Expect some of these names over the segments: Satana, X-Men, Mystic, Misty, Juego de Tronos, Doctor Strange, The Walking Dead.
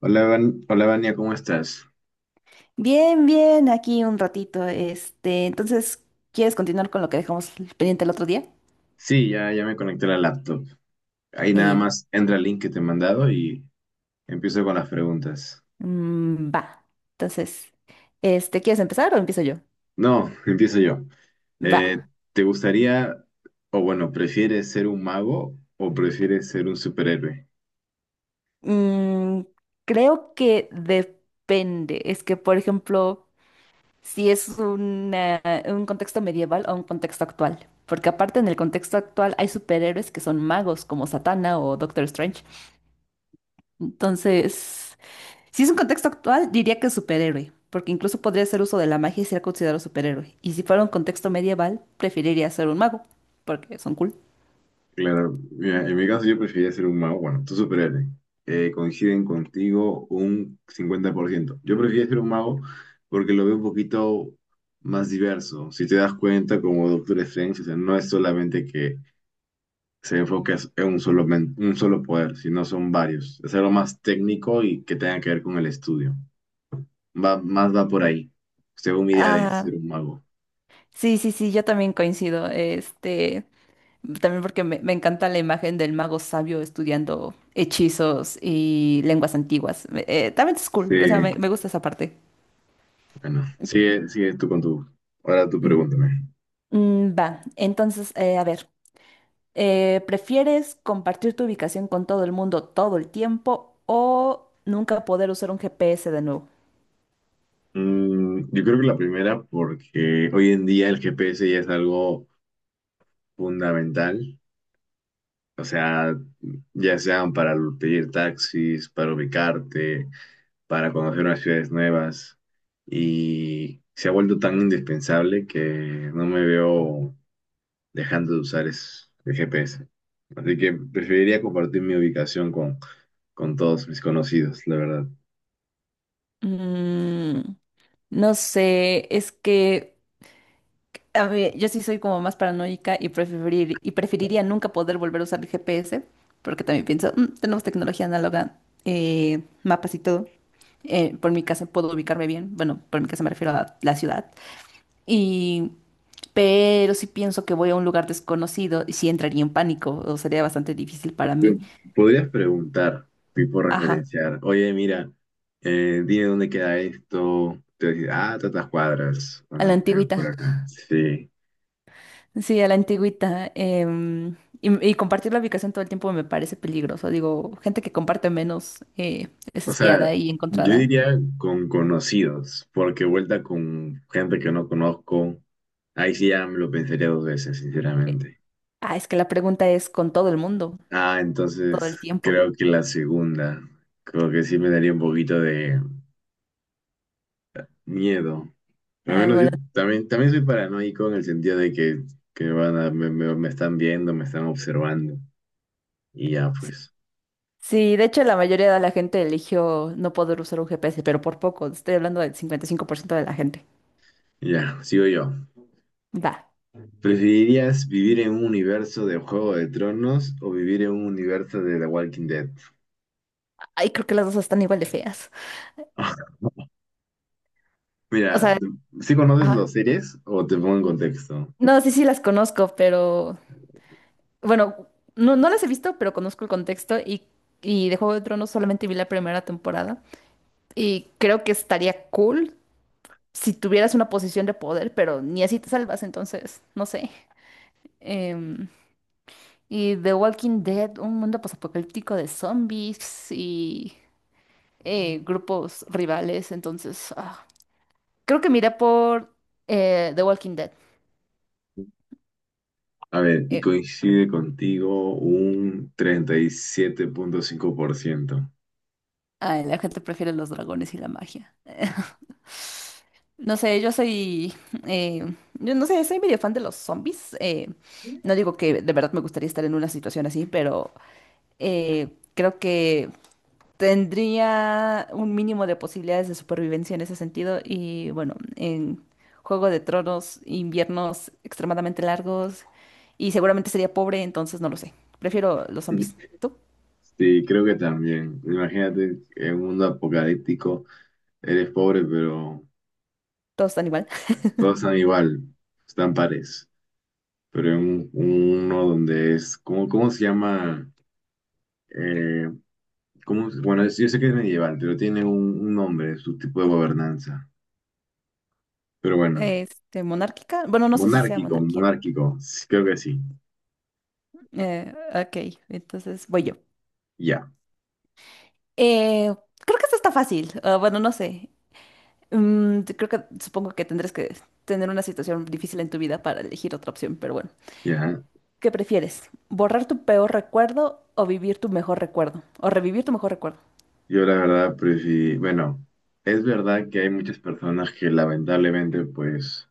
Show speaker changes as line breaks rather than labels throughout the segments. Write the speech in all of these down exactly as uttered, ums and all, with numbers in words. Hola, Van- Hola, Vania, ¿cómo estás?
Bien, bien, aquí un ratito. Este, entonces, ¿quieres continuar con lo que dejamos pendiente el otro día?
Sí, ya, ya me conecté a la laptop. Ahí nada
Eh,
más entra el link que te he mandado y empiezo con las preguntas.
mm, va. Entonces, este, ¿quieres empezar o empiezo yo?
No, empiezo yo. Eh,
Va.
¿te gustaría, o bueno, prefieres ser un mago o prefieres ser un superhéroe?
Mm, Creo que depende. Es que, por ejemplo, si es una- un contexto medieval o un contexto actual. Porque aparte en el contexto actual hay superhéroes que son magos como Satana o Doctor Strange. Entonces. Si es un contexto actual, diría que superhéroe, porque incluso podría hacer uso de la magia y ser considerado superhéroe. Y si fuera un contexto medieval, preferiría ser un mago, porque son cool.
Claro, mira, en mi caso yo preferiría ser un mago. Bueno, tú superhéroe. Eh, coinciden contigo un cincuenta por ciento. Yo preferiría ser un mago porque lo veo un poquito más diverso. Si te das cuenta, como Doctor Strange, o sea, no es solamente que se enfoque en un solo, men- un solo poder, sino son varios. Es algo más técnico y que tenga que ver con el estudio. Va, más va por ahí, según mi idea de
Ah,
ser un mago.
sí, sí, sí, yo también coincido. Este, también porque me, me encanta la imagen del mago sabio estudiando hechizos y lenguas antiguas. Me- eh, también es cool, o sea,
Sí,
me, me gusta esa parte.
bueno, sigue, sigue tú con tu... Ahora tú
Mm,
pregúntame.
Mm, va, entonces, eh, a ver. Eh, ¿prefieres compartir tu ubicación con todo el mundo todo el tiempo o nunca poder usar un G P S de nuevo?
Mm, yo creo que la primera, porque hoy en día el G P S ya es algo fundamental, o sea, ya sean para pedir taxis, para ubicarte, para conocer unas ciudades nuevas, y se ha vuelto tan indispensable que no me veo dejando de usar es- el G P S. Así que preferiría compartir mi ubicación con, con todos mis conocidos, la verdad.
Mm, no sé, es que a ver, yo sí soy como más paranoica y preferir, y preferiría nunca poder volver a usar el G P S, porque también pienso, "Mm, tenemos tecnología análoga, eh, mapas y todo. Eh, por mi casa puedo ubicarme bien, bueno, por mi casa me refiero a la ciudad. Y, pero si pienso que voy a un lugar desconocido, sí entraría en pánico, o sería bastante difícil para mí.
Podrías preguntar, tipo
Ajá,
referenciar, oye, mira, eh, dime dónde queda esto, te va a decir, ah, tantas cuadras, o
a la
no, mira, por
antigüita.
acá, sí.
Sí, a la antigüita. Em, y, y compartir la ubicación todo el tiempo me parece peligroso. Digo, gente que comparte menos eh, es
O sea,
espiada y
yo
encontrada.
diría con conocidos, porque vuelta con gente que no conozco, ahí sí ya me lo pensaría dos veces, sinceramente.
Ah, es que la pregunta es con todo el mundo,
Ah,
todo
entonces
el tiempo.
creo que la segunda, creo que sí me daría un poquito de miedo. Pero al
Ah,
menos yo
bueno.
también, también soy paranoico en el sentido de que, que van a, me, me- me están viendo, me están observando. Y ya,
Sí,
pues,
sí, de hecho la mayoría de la gente eligió no poder usar un G P S, pero por poco. Estoy hablando del cincuenta y cinco por ciento de la gente.
ya, sigo yo.
Va.
¿Preferirías vivir en un universo de Juego de Tronos o vivir en un universo de The Walking Dead?
Ay, creo que las dos están igual de feas. O
Mira,
sea,
¿sí conoces
ajá.
las series o te pongo en contexto?
No, sí, sí las conozco, pero bueno, no, no las he visto, pero conozco el contexto y, y de Juego de Tronos solamente vi la primera temporada y creo que estaría cool si tuvieras una posición de poder, pero ni así te salvas, entonces, no sé. Em, y The Walking Dead, un mundo posapocalíptico de zombies y eh, grupos rivales, entonces, ah, creo que miré por eh, The Walking Dead.
A ver, y coincide contigo un treinta y siete punto cinco por ciento.
Ay, la gente prefiere los dragones y la magia. No sé, yo soy, eh, yo no sé, soy medio fan de los zombies. Eh, no digo que de verdad me gustaría estar en una situación así, pero eh, creo que tendría un mínimo de posibilidades de supervivencia en ese sentido. Y bueno, en Juego de Tronos, inviernos extremadamente largos y seguramente sería pobre, entonces no lo sé. Prefiero los zombies. ¿Tú?
Sí, creo que también. Imagínate en un mundo apocalíptico. Eres pobre, pero
Todos están igual.
todos están igual, están pares. Pero en un- uno donde es, ¿cómo, cómo se llama? Eh, ¿cómo se- bueno, es- yo sé que es medieval, pero tiene un, un nombre, su tipo de gobernanza. Pero bueno,
Este, monárquica. Bueno, no sé si sea
monárquico,
monarquía.
monárquico, sí, creo que sí.
Eh, ok, entonces voy yo.
Ya,
Eh, Creo que esto está fácil. Ah, bueno, no sé. Mm, creo que supongo que tendrás que tener una situación difícil en tu vida para elegir otra opción, pero bueno.
ya.
¿Qué prefieres? ¿Borrar tu peor recuerdo o vivir tu mejor recuerdo? ¿O revivir tu mejor recuerdo?
Yo la verdad prefiero, bueno, es verdad que hay muchas personas que lamentablemente, pues,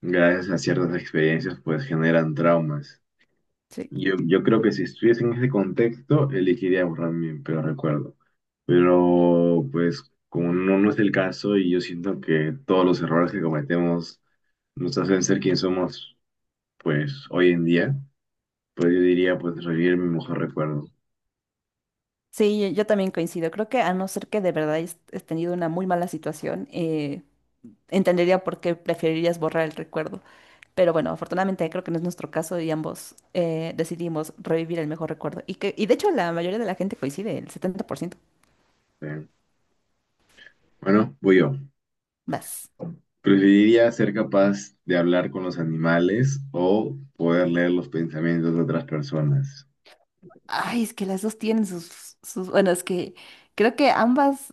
gracias a ciertas experiencias, pues generan traumas.
Sí.
Yo, yo creo que si estuviese en ese contexto, elegiría borrar mi peor recuerdo. Pero pues como no, no es el caso y yo siento que todos los errores que cometemos nos hacen ser quien somos pues hoy en día, pues yo diría pues revivir mi mejor recuerdo.
Sí, yo, yo también coincido. Creo que a no ser que de verdad hayas hayas tenido una muy mala situación, eh, entendería por qué preferirías borrar el recuerdo. Pero bueno, afortunadamente creo que no es nuestro caso y ambos eh, decidimos revivir el mejor recuerdo. Y, que, y de hecho la mayoría de la gente coincide, el setenta por ciento.
Eh, Bueno, voy yo.
Vas.
Preferiría ser capaz de hablar con los animales o poder leer los pensamientos de otras personas.
Ay, es que las dos tienen sus, sus... Bueno, es que creo que ambas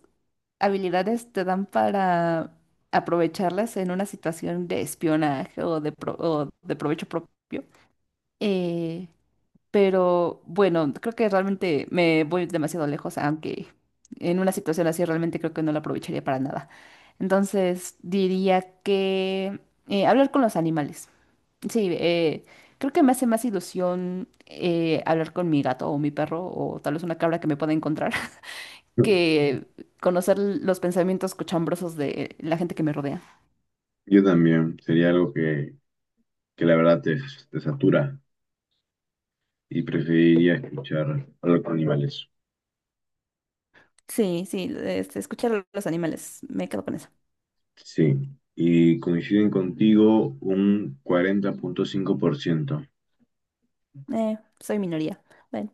habilidades te dan para aprovecharlas en una situación de espionaje o de, pro- o de provecho propio. Eh, Pero bueno, creo que realmente me voy demasiado lejos, aunque en una situación así realmente creo que no la aprovecharía para nada. Entonces diría que eh, hablar con los animales. Sí, eh, creo que me hace más ilusión eh, hablar con mi gato o mi perro o tal vez una cabra que me pueda encontrar que conocer los pensamientos cochambrosos de la gente que me rodea.
Yo también, sería algo que, que la verdad te, te satura. Y preferiría escuchar hablar con animales.
Sí, sí, este, escuchar a los animales, me quedo con eso.
Sí, y coinciden contigo un cuarenta punto cinco por ciento.
Eh, soy minoría. Bueno.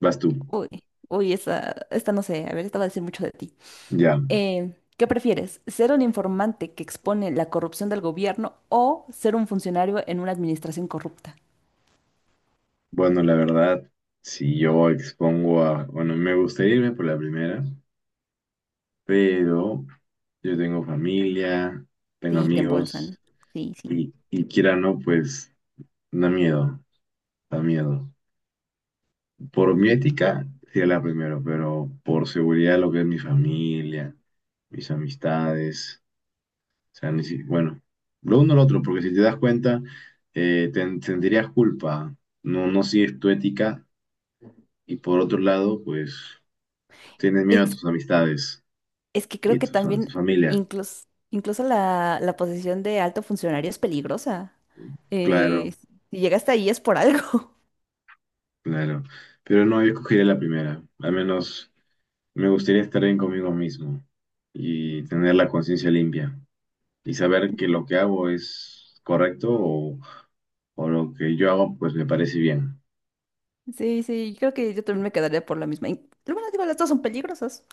Vas tú.
Uy, uy, esta, esta no sé, a ver, esta va a decir mucho de ti.
Ya,
Eh, ¿qué prefieres? ¿Ser un informante que expone la corrupción del gobierno o ser un funcionario en una administración corrupta?
bueno, la verdad, si yo expongo a, bueno, me gustaría irme por la primera, pero yo tengo familia, tengo
Sí, te
amigos
embolsan. Sí, sí.
y, y quiera o no, pues da miedo, da miedo. Por mi ética, sería la primera, pero por seguridad, lo que es mi familia, mis amistades. O sea, ni si- bueno, lo uno o lo otro, porque si te das cuenta, eh, ten- sentirías culpa, no, no sigues tu ética y por otro lado, pues tienes miedo a
Es,
tus amistades
es que creo
y
que
tus- a tu
también
familia.
incluso, incluso la, la posición de alto funcionario es peligrosa.
Claro,
Eh, si llegaste ahí es por algo.
claro. Pero no, yo escogería la primera. Al menos me gustaría estar bien conmigo mismo y tener la conciencia limpia y saber que lo que hago es correcto o, o lo que yo hago pues me parece bien.
Sí, sí, creo que yo también me quedaría por la misma. Y, Bueno, digo, las dos son peligrosas.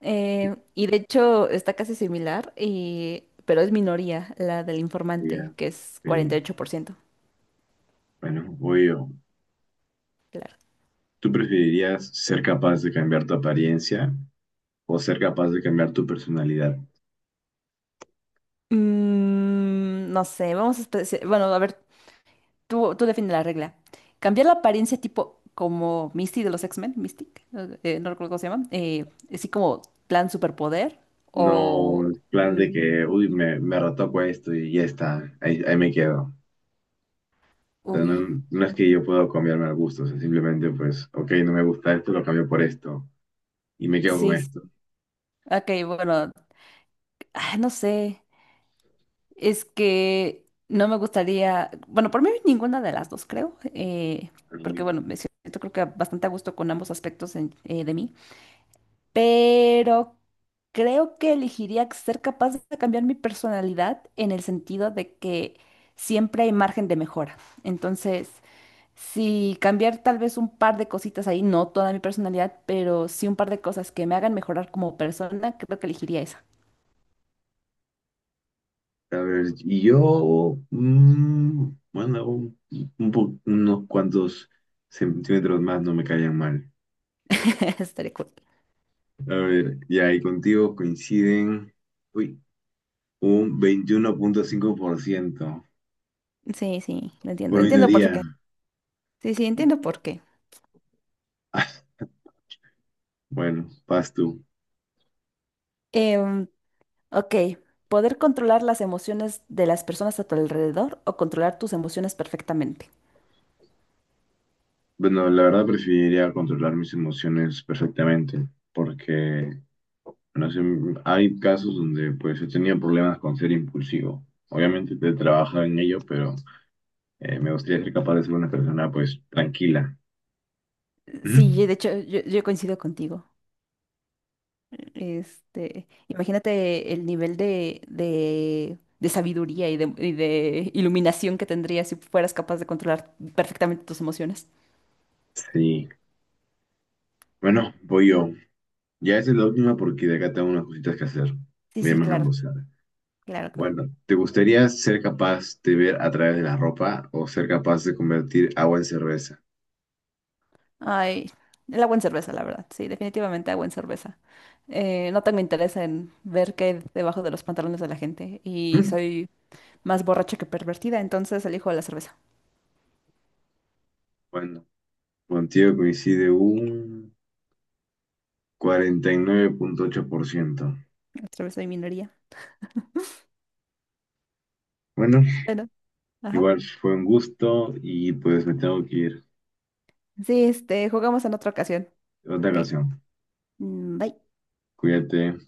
Eh, y de hecho está casi similar, y, pero es minoría la del informante,
Ya,
que es cuarenta
sí.
y ocho por ciento
Bueno, voy yo.
Claro.
¿Tú preferirías ser capaz de cambiar tu apariencia o ser capaz de cambiar tu personalidad?
Mm, no sé, vamos a... especi- Bueno, a ver, tú, tú define la regla. Cambiar la apariencia tipo como Misty de los X-Men, Mystic, eh, no recuerdo cómo se llama, eh, así como plan superpoder
No,
o.
el plan
mm,
de que, uy, me, me retoco esto y ya está, ahí, ahí me quedo. O sea,
uy,
no, no es que yo pueda cambiarme al gusto, o sea, simplemente pues, ok, no me gusta esto, lo cambio por esto y me quedo con
sí,
esto.
sí. Ok, bueno, ah, no sé. Es que no me gustaría, bueno, por mí ninguna de las dos creo, eh, porque
Uy.
bueno, me siento creo que bastante a gusto con ambos aspectos en- eh, de mí, pero creo que elegiría ser capaz de cambiar mi personalidad en el sentido de que siempre hay margen de mejora. Entonces, si cambiar tal vez un par de cositas ahí, no toda mi personalidad, pero sí un par de cosas que me hagan mejorar como persona, creo que elegiría esa.
A ver, y yo, mm, bueno, un, un po- unos cuantos centímetros más no me caían mal.
Estaría cool.
A ver, ya, y contigo coinciden. Uy. Un veintiuno punto cinco por ciento
Sí, sí, lo entiendo,
por
entiendo por
minoría.
qué. Sí, sí, entiendo por qué.
Bueno, vas tú.
Em, ok, poder controlar las emociones de las personas a tu alrededor o controlar tus emociones perfectamente.
Bueno, la verdad preferiría controlar mis emociones perfectamente, porque no sé, hay casos donde pues he tenido problemas con ser impulsivo. Obviamente te trabaja en ello, pero eh, me gustaría ser capaz de ser una persona pues tranquila. Ujú.
Sí, yo- de hecho, yo, yo coincido contigo. Este, imagínate el nivel de, de, de sabiduría y de, y de iluminación que tendrías si fueras capaz de controlar perfectamente tus emociones.
Sí. Bueno, voy yo. Ya esa es la última porque de acá tengo unas cositas que hacer.
Sí,
Voy a
sí,
irme a
claro,
almorzar.
claro, claro.
Bueno, ¿te gustaría ser capaz de ver a través de la ropa o ser capaz de convertir agua en cerveza?
Ay, el agua en cerveza, la verdad. Sí, definitivamente agua en cerveza. Eh, no tengo interés en ver qué hay debajo de los pantalones de la gente. Y soy más borracha que pervertida, entonces elijo la cerveza.
Bueno, contigo coincide un cuarenta y nueve punto ocho por ciento.
La cerveza y minería.
Bueno,
Bueno, ajá.
igual fue un gusto y pues me tengo que ir.
Sí, este, jugamos en otra ocasión.
Otra
Ok.
ocasión.
Mm, Bye.
Cuídate.